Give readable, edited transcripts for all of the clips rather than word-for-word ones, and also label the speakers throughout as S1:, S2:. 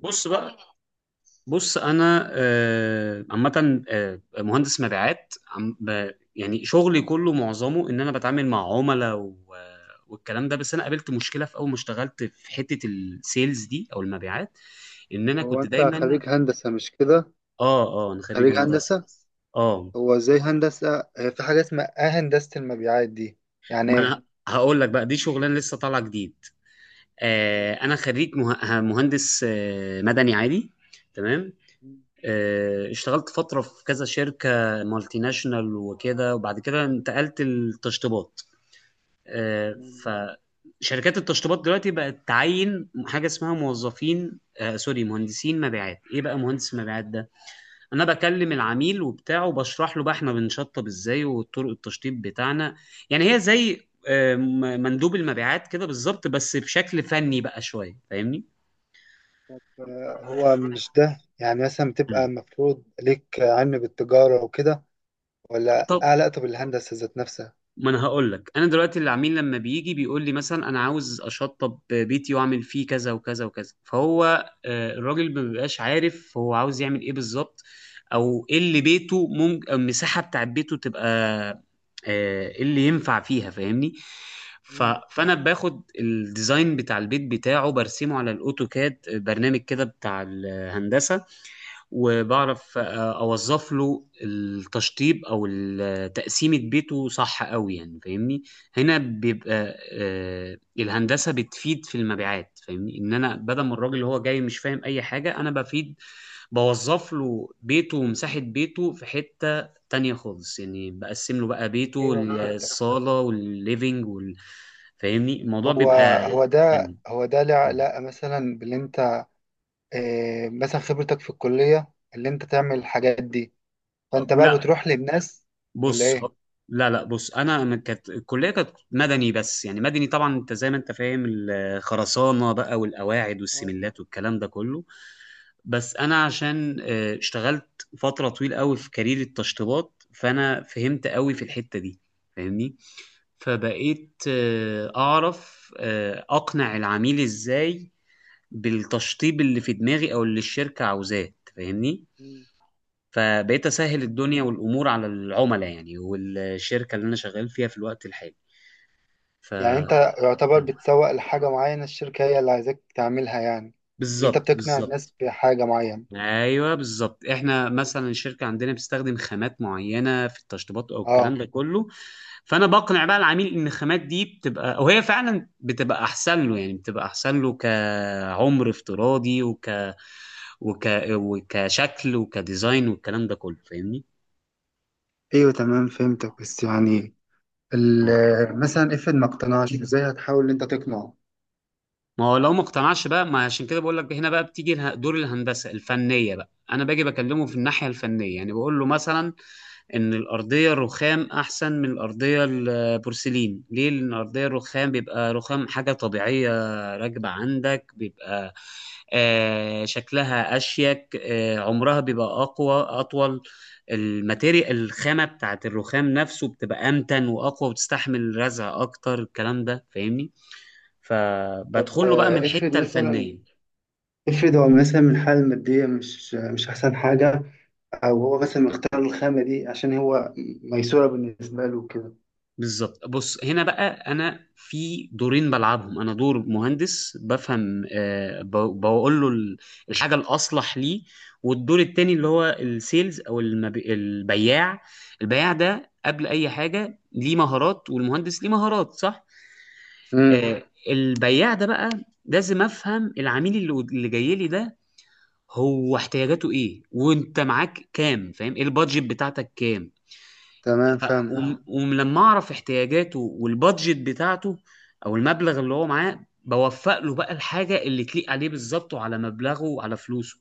S1: بص بقى. بص انا آه، عامه، مهندس مبيعات يعني شغلي كله معظمه ان انا بتعامل مع عملاء والكلام ده. بس انا قابلت مشكله في اول ما اشتغلت في حته السيلز دي او المبيعات، ان انا
S2: هو
S1: كنت
S2: انت
S1: دايما.
S2: خريج هندسة مش كده؟
S1: اه اه انا خريج
S2: خريج
S1: هندسه.
S2: هندسة.
S1: اه،
S2: هو زي هندسة هي في حاجة اسمها هندسة المبيعات دي، يعني
S1: ما
S2: ايه؟
S1: انا هقول لك بقى دي شغلانه لسه طالعه جديد.
S2: اه.
S1: انا خريج مهندس مدني عادي. تمام.
S2: مم،
S1: اشتغلت فترة في كذا شركة مالتي ناشونال وكده، وبعد كده انتقلت للتشطيبات. آه،
S2: تمام.
S1: فشركات التشطيبات دلوقتي بقت تعين حاجة اسمها موظفين، سوري، مهندسين مبيعات. ايه بقى مهندس مبيعات ده؟ انا بكلم العميل وبتاعه، وبشرح له بقى احنا بنشطب ازاي وطرق التشطيب بتاعنا. يعني هي زي مندوب المبيعات كده بالظبط، بس بشكل فني بقى شوية، فاهمني؟
S2: هو مش ده يعني مثلا بتبقى
S1: مم.
S2: مفروض ليك علم بالتجارة وكده ولا
S1: طب
S2: علاقة بالهندسة ذات نفسها؟
S1: ما انا هقول لك، انا دلوقتي العميل لما بيجي بيقول لي مثلا انا عاوز اشطب بيتي واعمل فيه كذا وكذا وكذا، فهو الراجل ما بيبقاش عارف هو عاوز يعمل ايه بالظبط، او ايه اللي بيته ممكن المساحه بتاعت بيته تبقى، ايه اللي ينفع فيها. فاهمني؟ ف...
S2: مم،
S1: فانا باخد الديزاين بتاع البيت بتاعه، برسمه على الاوتوكاد، برنامج كده بتاع الهندسه،
S2: مم.
S1: وبعرف اوظف له التشطيب او تقسيمة بيته صح قوي يعني. فاهمني؟ هنا بيبقى الهندسة بتفيد في المبيعات، فاهمني، ان انا بدل ما الراجل اللي هو جاي مش فاهم اي حاجة، انا بفيد، بوظف له بيته ومساحة بيته في حتة تانية خالص، يعني بقسم له بقى بيته،
S2: ايوه فهمتك.
S1: الصالة والليفينج فاهمني الموضوع
S2: هو
S1: بيبقى.
S2: هو ده
S1: تمام.
S2: هو ده له علاقة مثلا باللي انت مثلا خبرتك في الكلية اللي انت تعمل الحاجات دي، فانت بقى
S1: لا،
S2: بتروح للناس ولا
S1: بص هو-
S2: ايه؟
S1: لا، لا، بص انا، كانت الكليه كانت مدني، بس يعني مدني طبعا انت زي ما انت فاهم، الخرسانه بقى والقواعد
S2: اه.
S1: والسملات والكلام ده كله. بس انا عشان اشتغلت فتره طويله قوي في كارير التشطيبات، فانا فهمت قوي في الحته دي، فاهمني، فبقيت اعرف اقنع العميل ازاي بالتشطيب اللي في دماغي، او اللي الشركه عاوزاه، أنت فاهمني؟ فبقيت اسهل الدنيا والامور على العملاء يعني، والشركه اللي انا شغال فيها في الوقت الحالي. ف
S2: يعني انت يعتبر بتسوق لحاجة معينة، الشركة هي اللي عايزاك تعملها يعني، اللي انت
S1: بالظبط،
S2: بتقنع الناس
S1: بالظبط.
S2: بحاجة معينة.
S1: ايوه بالظبط، احنا مثلا الشركه عندنا بتستخدم خامات معينه في التشطيبات او الكلام
S2: اه.
S1: ده كله، فانا بقنع بقى العميل ان الخامات دي بتبقى، او هي فعلا بتبقى احسن له، يعني بتبقى احسن له كعمر افتراضي، وك وك وكشكل وكديزاين والكلام ده كله، فاهمني؟
S2: ايوه تمام فهمتك، بس يعني مثلا افرض ما اقتنعش ازاي هتحاول ان انت تقنعه.
S1: ما هو لو ما اقتنعش بقى، ما عشان كده بقول لك، هنا بقى بتيجي دور الهندسه الفنيه بقى، انا باجي بكلمه في الناحيه الفنيه، يعني بقول له مثلا ان الارضيه الرخام احسن من الارضيه البورسلين، ليه؟ لان الارضيه الرخام بيبقى رخام، حاجه طبيعيه راكبه عندك، بيبقى آه شكلها اشيك، آه عمرها بيبقى اقوى اطول، الماتيريال، الخامه بتاعت الرخام نفسه بتبقى امتن واقوى وتستحمل رزع اكتر، الكلام ده فاهمني؟
S2: طب
S1: فبدخل له بقى من
S2: افرض
S1: الحته الفنيه.
S2: مثلا، افرض هو مثلا من الحالة المادية مش احسن حاجة، او هو مثلا مختار الخامة دي عشان هو ميسورة بالنسبة له كده.
S1: بالظبط. بص، هنا بقى انا في دورين بلعبهم، انا دور مهندس بفهم، بقول له الحاجه الاصلح ليه، والدور التاني اللي هو السيلز او البياع، البياع ده قبل اي حاجه ليه مهارات، والمهندس ليه مهارات، صح؟
S2: امم،
S1: آه، البياع ده بقى لازم افهم العميل اللي جاي لي ده، هو احتياجاته ايه، وانت معاك كام، فاهم، ايه البادجت بتاعتك كام.
S2: تمام
S1: ف-
S2: فاهم.
S1: ولما اعرف احتياجاته والبادجت بتاعته، او المبلغ اللي هو معاه، بوفق له بقى الحاجه اللي تليق عليه بالظبط، وعلى مبلغه وعلى فلوسه.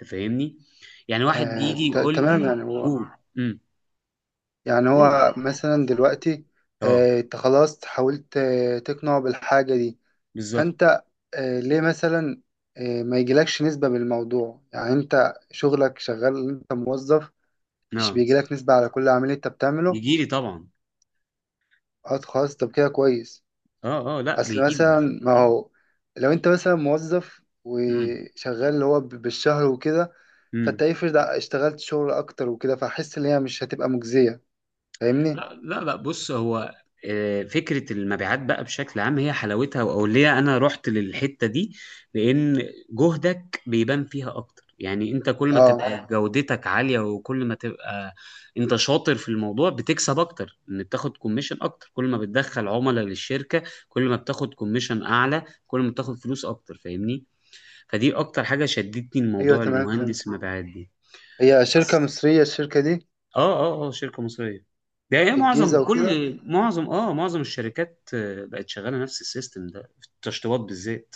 S1: انت فاهمني؟ يعني واحد يجي يقول
S2: تمام
S1: لي،
S2: يعني،
S1: قول. امم.
S2: يعني هو مثلا دلوقتي
S1: اه.
S2: انت خلاص حاولت تقنعه بالحاجة دي،
S1: بالظبط.
S2: فانت ليه مثلا ما يجيلكش نسبة بالموضوع، يعني انت شغلك شغال، انت موظف، مش
S1: اه،
S2: بيجيلك نسبة على كل عميل انت بتعمله؟
S1: يجي لي طبعا.
S2: اه خلاص طب كده كويس.
S1: اه، اه، لا
S2: اصل
S1: بيجي
S2: مثلا ما هو لو انت مثلا موظف وشغال اللي هو بالشهر وكده، فانت
S1: لي.
S2: افرض اشتغلت شغل اكتر وكده، فحس ان هي مش هتبقى مجزية، فاهمني.
S1: لا، لا، لا، بص هو فكرة المبيعات بقى بشكل عام، هي حلاوتها، أو ليه أنا رحت للحتة دي، لأن جهدك بيبان فيها أكتر، يعني أنت كل ما
S2: اه
S1: تبقى، ايوه، جودتك عالية، وكل ما تبقى أنت شاطر في الموضوع، بتكسب أكتر، إن بتاخد كوميشن أكتر، كل ما بتدخل عملاء للشركة، كل ما بتاخد كوميشن أعلى، كل ما بتاخد فلوس أكتر، فاهمني؟ فدي أكتر حاجة شدتني،
S2: ايوه
S1: الموضوع
S2: تمام فهمت.
S1: المهندس المبيعات دي.
S2: هي شركة
S1: بس.
S2: مصرية الشركة دي،
S1: اه، اه، اه، شركة مصرية. ده هي
S2: في الجيزة
S1: معظم،
S2: وكده.
S1: كل معظم اه معظم الشركات بقت شغالة نفس السيستم ده في التشطيبات بالذات.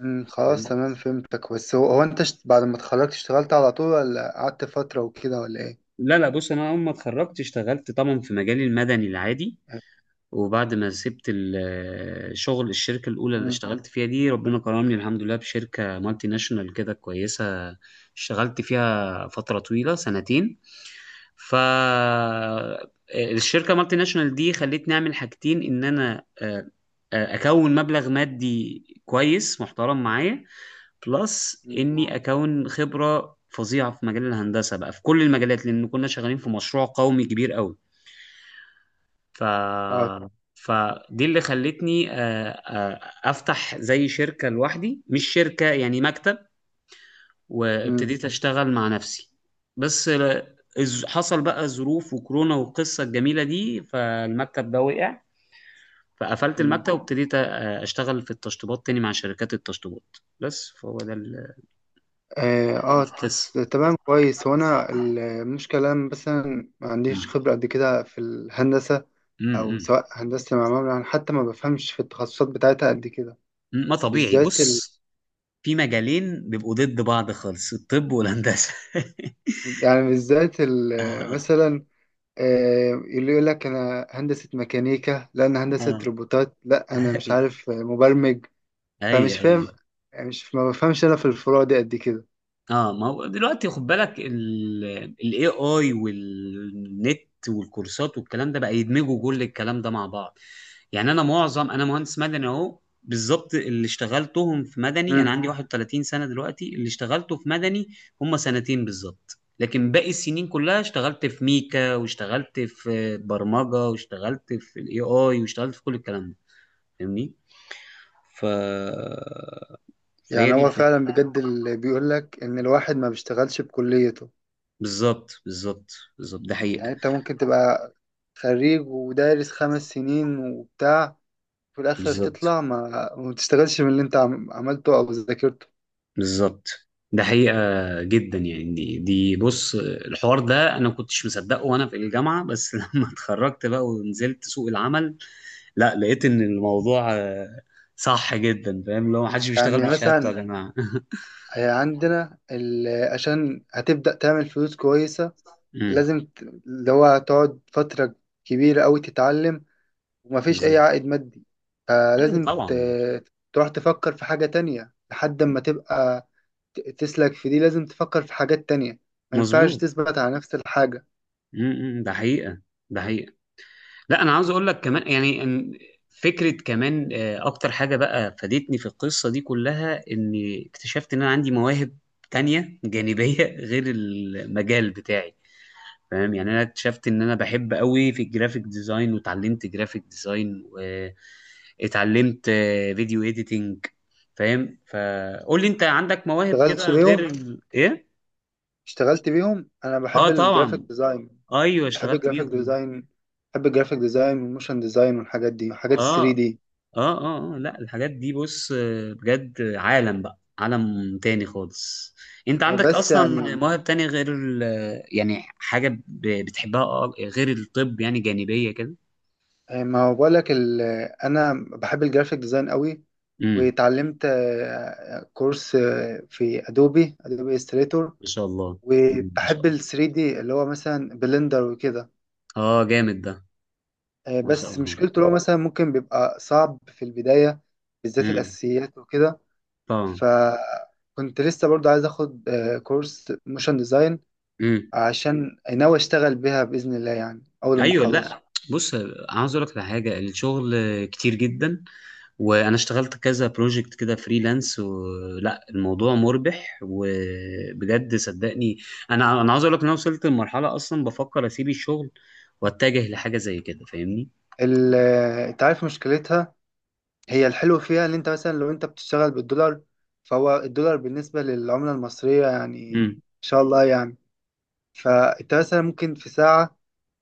S2: خلاص
S1: يعني.
S2: تمام فهمتك، بس هو انت بعد ما اتخرجت اشتغلت على طول ولا قعدت فترة وكده ولا ايه؟
S1: لا، لا، بص انا اول ما اتخرجت اشتغلت طبعا في مجالي المدني العادي، وبعد ما سبت الشغل، الشركة الأولى اللي
S2: امم.
S1: اشتغلت فيها دي، ربنا كرمني الحمد لله بشركة مالتي ناشونال كده كويسة، اشتغلت فيها فترة طويلة، سنتين. ف الشركة مالتي ناشونال دي خلتني أعمل حاجتين، إن أنا أكون مبلغ مادي كويس محترم معايا، بلس
S2: امم.
S1: إني أكون خبرة فظيعة في مجال الهندسة بقى في كل المجالات، لأن كنا شغالين في مشروع قومي كبير قوي. ف
S2: اه.
S1: فدي اللي خلتني افتح زي شركة لوحدي، مش شركة يعني، مكتب،
S2: امم.
S1: وابتديت اشتغل مع نفسي. بس حصل بقى ظروف وكورونا والقصة الجميلة دي، فالمكتب ده وقع، فقفلت
S2: امم.
S1: المكتب، اشتغل في التشطيبات تاني مع شركات التشطيبات بس، فهو ده
S2: اه.
S1: القصة.
S2: تمام كويس. هو انا المشكلة أنا مثلا ما عنديش
S1: مم.
S2: خبرة قد كده في الهندسة، او
S1: مم.
S2: سواء هندسة معمار، يعني حتى ما بفهمش في التخصصات بتاعتها قد كده،
S1: ما طبيعي.
S2: بالذات ال…
S1: بص، في مجالين بيبقوا ضد بعض خالص، الطب والهندسة.
S2: يعني بالذات ال… مثلا اللي يقول لك انا هندسة ميكانيكا، لا انا هندسة
S1: اه.
S2: روبوتات، لا انا مش
S1: اي،
S2: عارف مبرمج،
S1: اي،
S2: فمش
S1: اي.
S2: فاهم، يعني مش ما بفهمش انا في الفروع دي قد كده.
S1: اه، ما هو دلوقتي خد بالك، الاي اي والنت والكورسات والكلام ده بقى، يدمجوا كل الكلام ده مع بعض. يعني انا معظم، انا مهندس مدني اهو، بالظبط اللي اشتغلتهم في مدني، انا
S2: امم.
S1: عندي 31 سنة دلوقتي، اللي اشتغلته في مدني هم سنتين بالظبط، لكن باقي السنين كلها اشتغلت في ميكا، واشتغلت في برمجة، واشتغلت في الاي اي، واشتغلت في كل الكلام ده، فاهمني؟ ف فهي
S2: يعني
S1: دي
S2: هو فعلا
S1: الفكرة.
S2: بجد اللي بيقول لك ان الواحد ما بيشتغلش بكليته.
S1: بالظبط، بالظبط. بالظبط، ده حقيقة.
S2: يعني انت ممكن تبقى خريج ودارس 5 سنين وبتاع، في الاخر
S1: بالظبط،
S2: تطلع ما بتشتغلش من اللي انت عملته او ذاكرته.
S1: بالظبط، ده حقيقة جدا يعني. دي بص، الحوار ده أنا ما كنتش مصدقه وأنا في الجامعة بس، لما اتخرجت بقى ونزلت سوق العمل، لا لقيت إن الموضوع صح جدا، فاهم اللي هو محدش بيشتغل
S2: يعني
S1: بشهادته يا
S2: مثلا
S1: جماعة.
S2: عندنا عشان هتبدأ تعمل فلوس كويسة
S1: أمم،
S2: لازم اللي هو تقعد فترة كبيرة أوي تتعلم، ومفيش أي
S1: بالظبط.
S2: عائد مادي،
S1: أيوة
S2: فلازم
S1: طبعا.
S2: تروح تفكر في حاجة تانية لحد ما تبقى تسلك في دي، لازم تفكر في حاجات تانية، ما ينفعش
S1: مظبوط.
S2: تثبت على نفس الحاجة.
S1: أمم، أمم، ده حقيقة. ده حقيقة. لا انا عاوز اقول لك كمان يعني، إن فكره كمان اكتر حاجه بقى فادتني في القصه دي كلها، اني اكتشفت ان انا عندي مواهب تانية جانبيه غير المجال بتاعي. فاهم يعني؟ انا اكتشفت ان انا بحب قوي في الجرافيك ديزاين، واتعلمت جرافيك ديزاين، واتعلمت فيديو اديتنج. فاهم؟ فقول لي انت عندك مواهب كده
S2: اشتغلتش
S1: غير
S2: بيهم؟
S1: ايه؟
S2: اشتغلت بيهم أنا
S1: اه
S2: بحب الجرافيك
S1: طبعا.
S2: ديزاين،
S1: ايوه
S2: بحب
S1: اشتغلت
S2: الجرافيك
S1: بيهم.
S2: ديزاين، بحب الجرافيك ديزاين والموشن ديزاين والحاجات دي وحاجات
S1: اه
S2: الثري دي.
S1: اه لا، الحاجات دي بص بجد عالم بقى، عالم تاني خالص. انت عندك
S2: بس
S1: اصلا
S2: يعني
S1: مواهب تانية غير ال. يعني حاجة بتحبها غير الطب يعني، جانبية كده.
S2: ما هو بقول لك ال… انا بحب الجرافيك ديزاين قوي،
S1: امم.
S2: واتعلمت كورس في ادوبي استريتور،
S1: ما شاء الله. مم، ما شاء
S2: وبحب
S1: الله.
S2: ال 3 دي اللي هو مثلا بلندر وكده.
S1: اه، جامد ده. ما شاء
S2: بس
S1: الله.
S2: مشكلته اللي هو مثلا ممكن بيبقى صعب في البداية، بالذات
S1: امم.
S2: الاساسيات وكده.
S1: طبعا.
S2: فكنت لسه برضو عايز اخد كورس موشن ديزاين،
S1: امم.
S2: عشان ناوي اشتغل بيها باذن الله يعني اول ما
S1: ايوه،
S2: اخلص.
S1: لا، بص، عاوز اقول لك على حاجة، الشغل كتير جدا، وانا اشتغلت كذا بروجكت كده فريلانس، ولا الموضوع مربح، وبجد صدقني، انا عاوز اقول لك ان انا وصلت لمرحله اصلا بفكر اسيب الشغل واتجه لحاجه زي كده. فاهمني؟
S2: انت عارف مشكلتها، هي الحلو فيها ان انت مثلا لو انت بتشتغل بالدولار، فهو الدولار بالنسبة للعملة المصرية يعني ان
S1: امم.
S2: شاء الله يعني، فانت مثلا ممكن في ساعة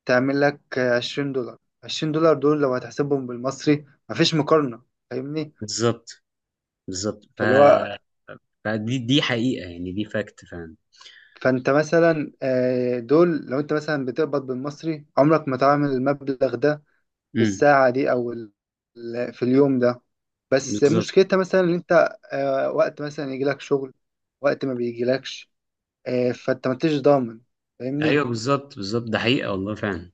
S2: تعمل لك $20، $20 دول لو هتحسبهم بالمصري مفيش مقارنة، فاهمني.
S1: بالظبط، بالظبط.
S2: فاللي هو
S1: فدي حقيقه يعني، دي فاكت فعلا.
S2: فانت مثلا دول لو انت مثلا بتقبض بالمصري عمرك ما تعمل المبلغ ده في
S1: امم.
S2: الساعة دي او في اليوم ده، بس
S1: بالظبط.
S2: مشكلتها مثلا ان انت وقت مثلا يجيلك شغل وقت ما بيجيلكش، فانت ما انتش ضامن فاهمني.
S1: ايوه، بالظبط، بالظبط، ده حقيقه والله فعلا.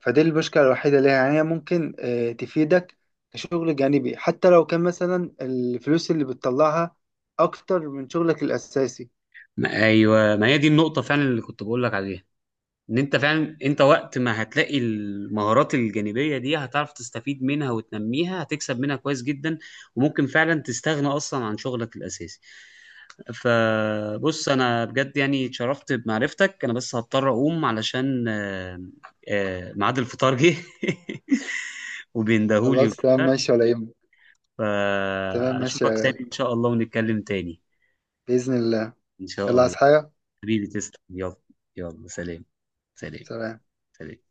S2: فدي المشكله الوحيده ليها، يعني هي ممكن تفيدك كشغل جانبي حتى لو كان مثلا الفلوس اللي بتطلعها اكتر من شغلك الاساسي.
S1: ايوه، ما هي دي النقطه فعلا اللي كنت بقول لك عليها، ان انت فعلا انت وقت ما هتلاقي المهارات الجانبيه دي، هتعرف تستفيد منها وتنميها، هتكسب منها كويس جدا، وممكن فعلا تستغنى اصلا عن شغلك الاساسي. فبص انا بجد يعني اتشرفت بمعرفتك، انا بس هضطر اقوم علشان ميعاد الفطار جه وبيندهولي
S2: خلاص تمام
S1: وبتاع.
S2: ماشي ولا يهمك. تمام ماشي يا
S1: فاشوفك
S2: غالي،
S1: تاني ان شاء الله، ونتكلم تاني.
S2: باذن الله.
S1: ان شاء
S2: يلا عايز
S1: الله.
S2: حاجه؟
S1: حبيبي تسلم، يلا. يلا، سلام. سلام.
S2: سلام.
S1: سلام.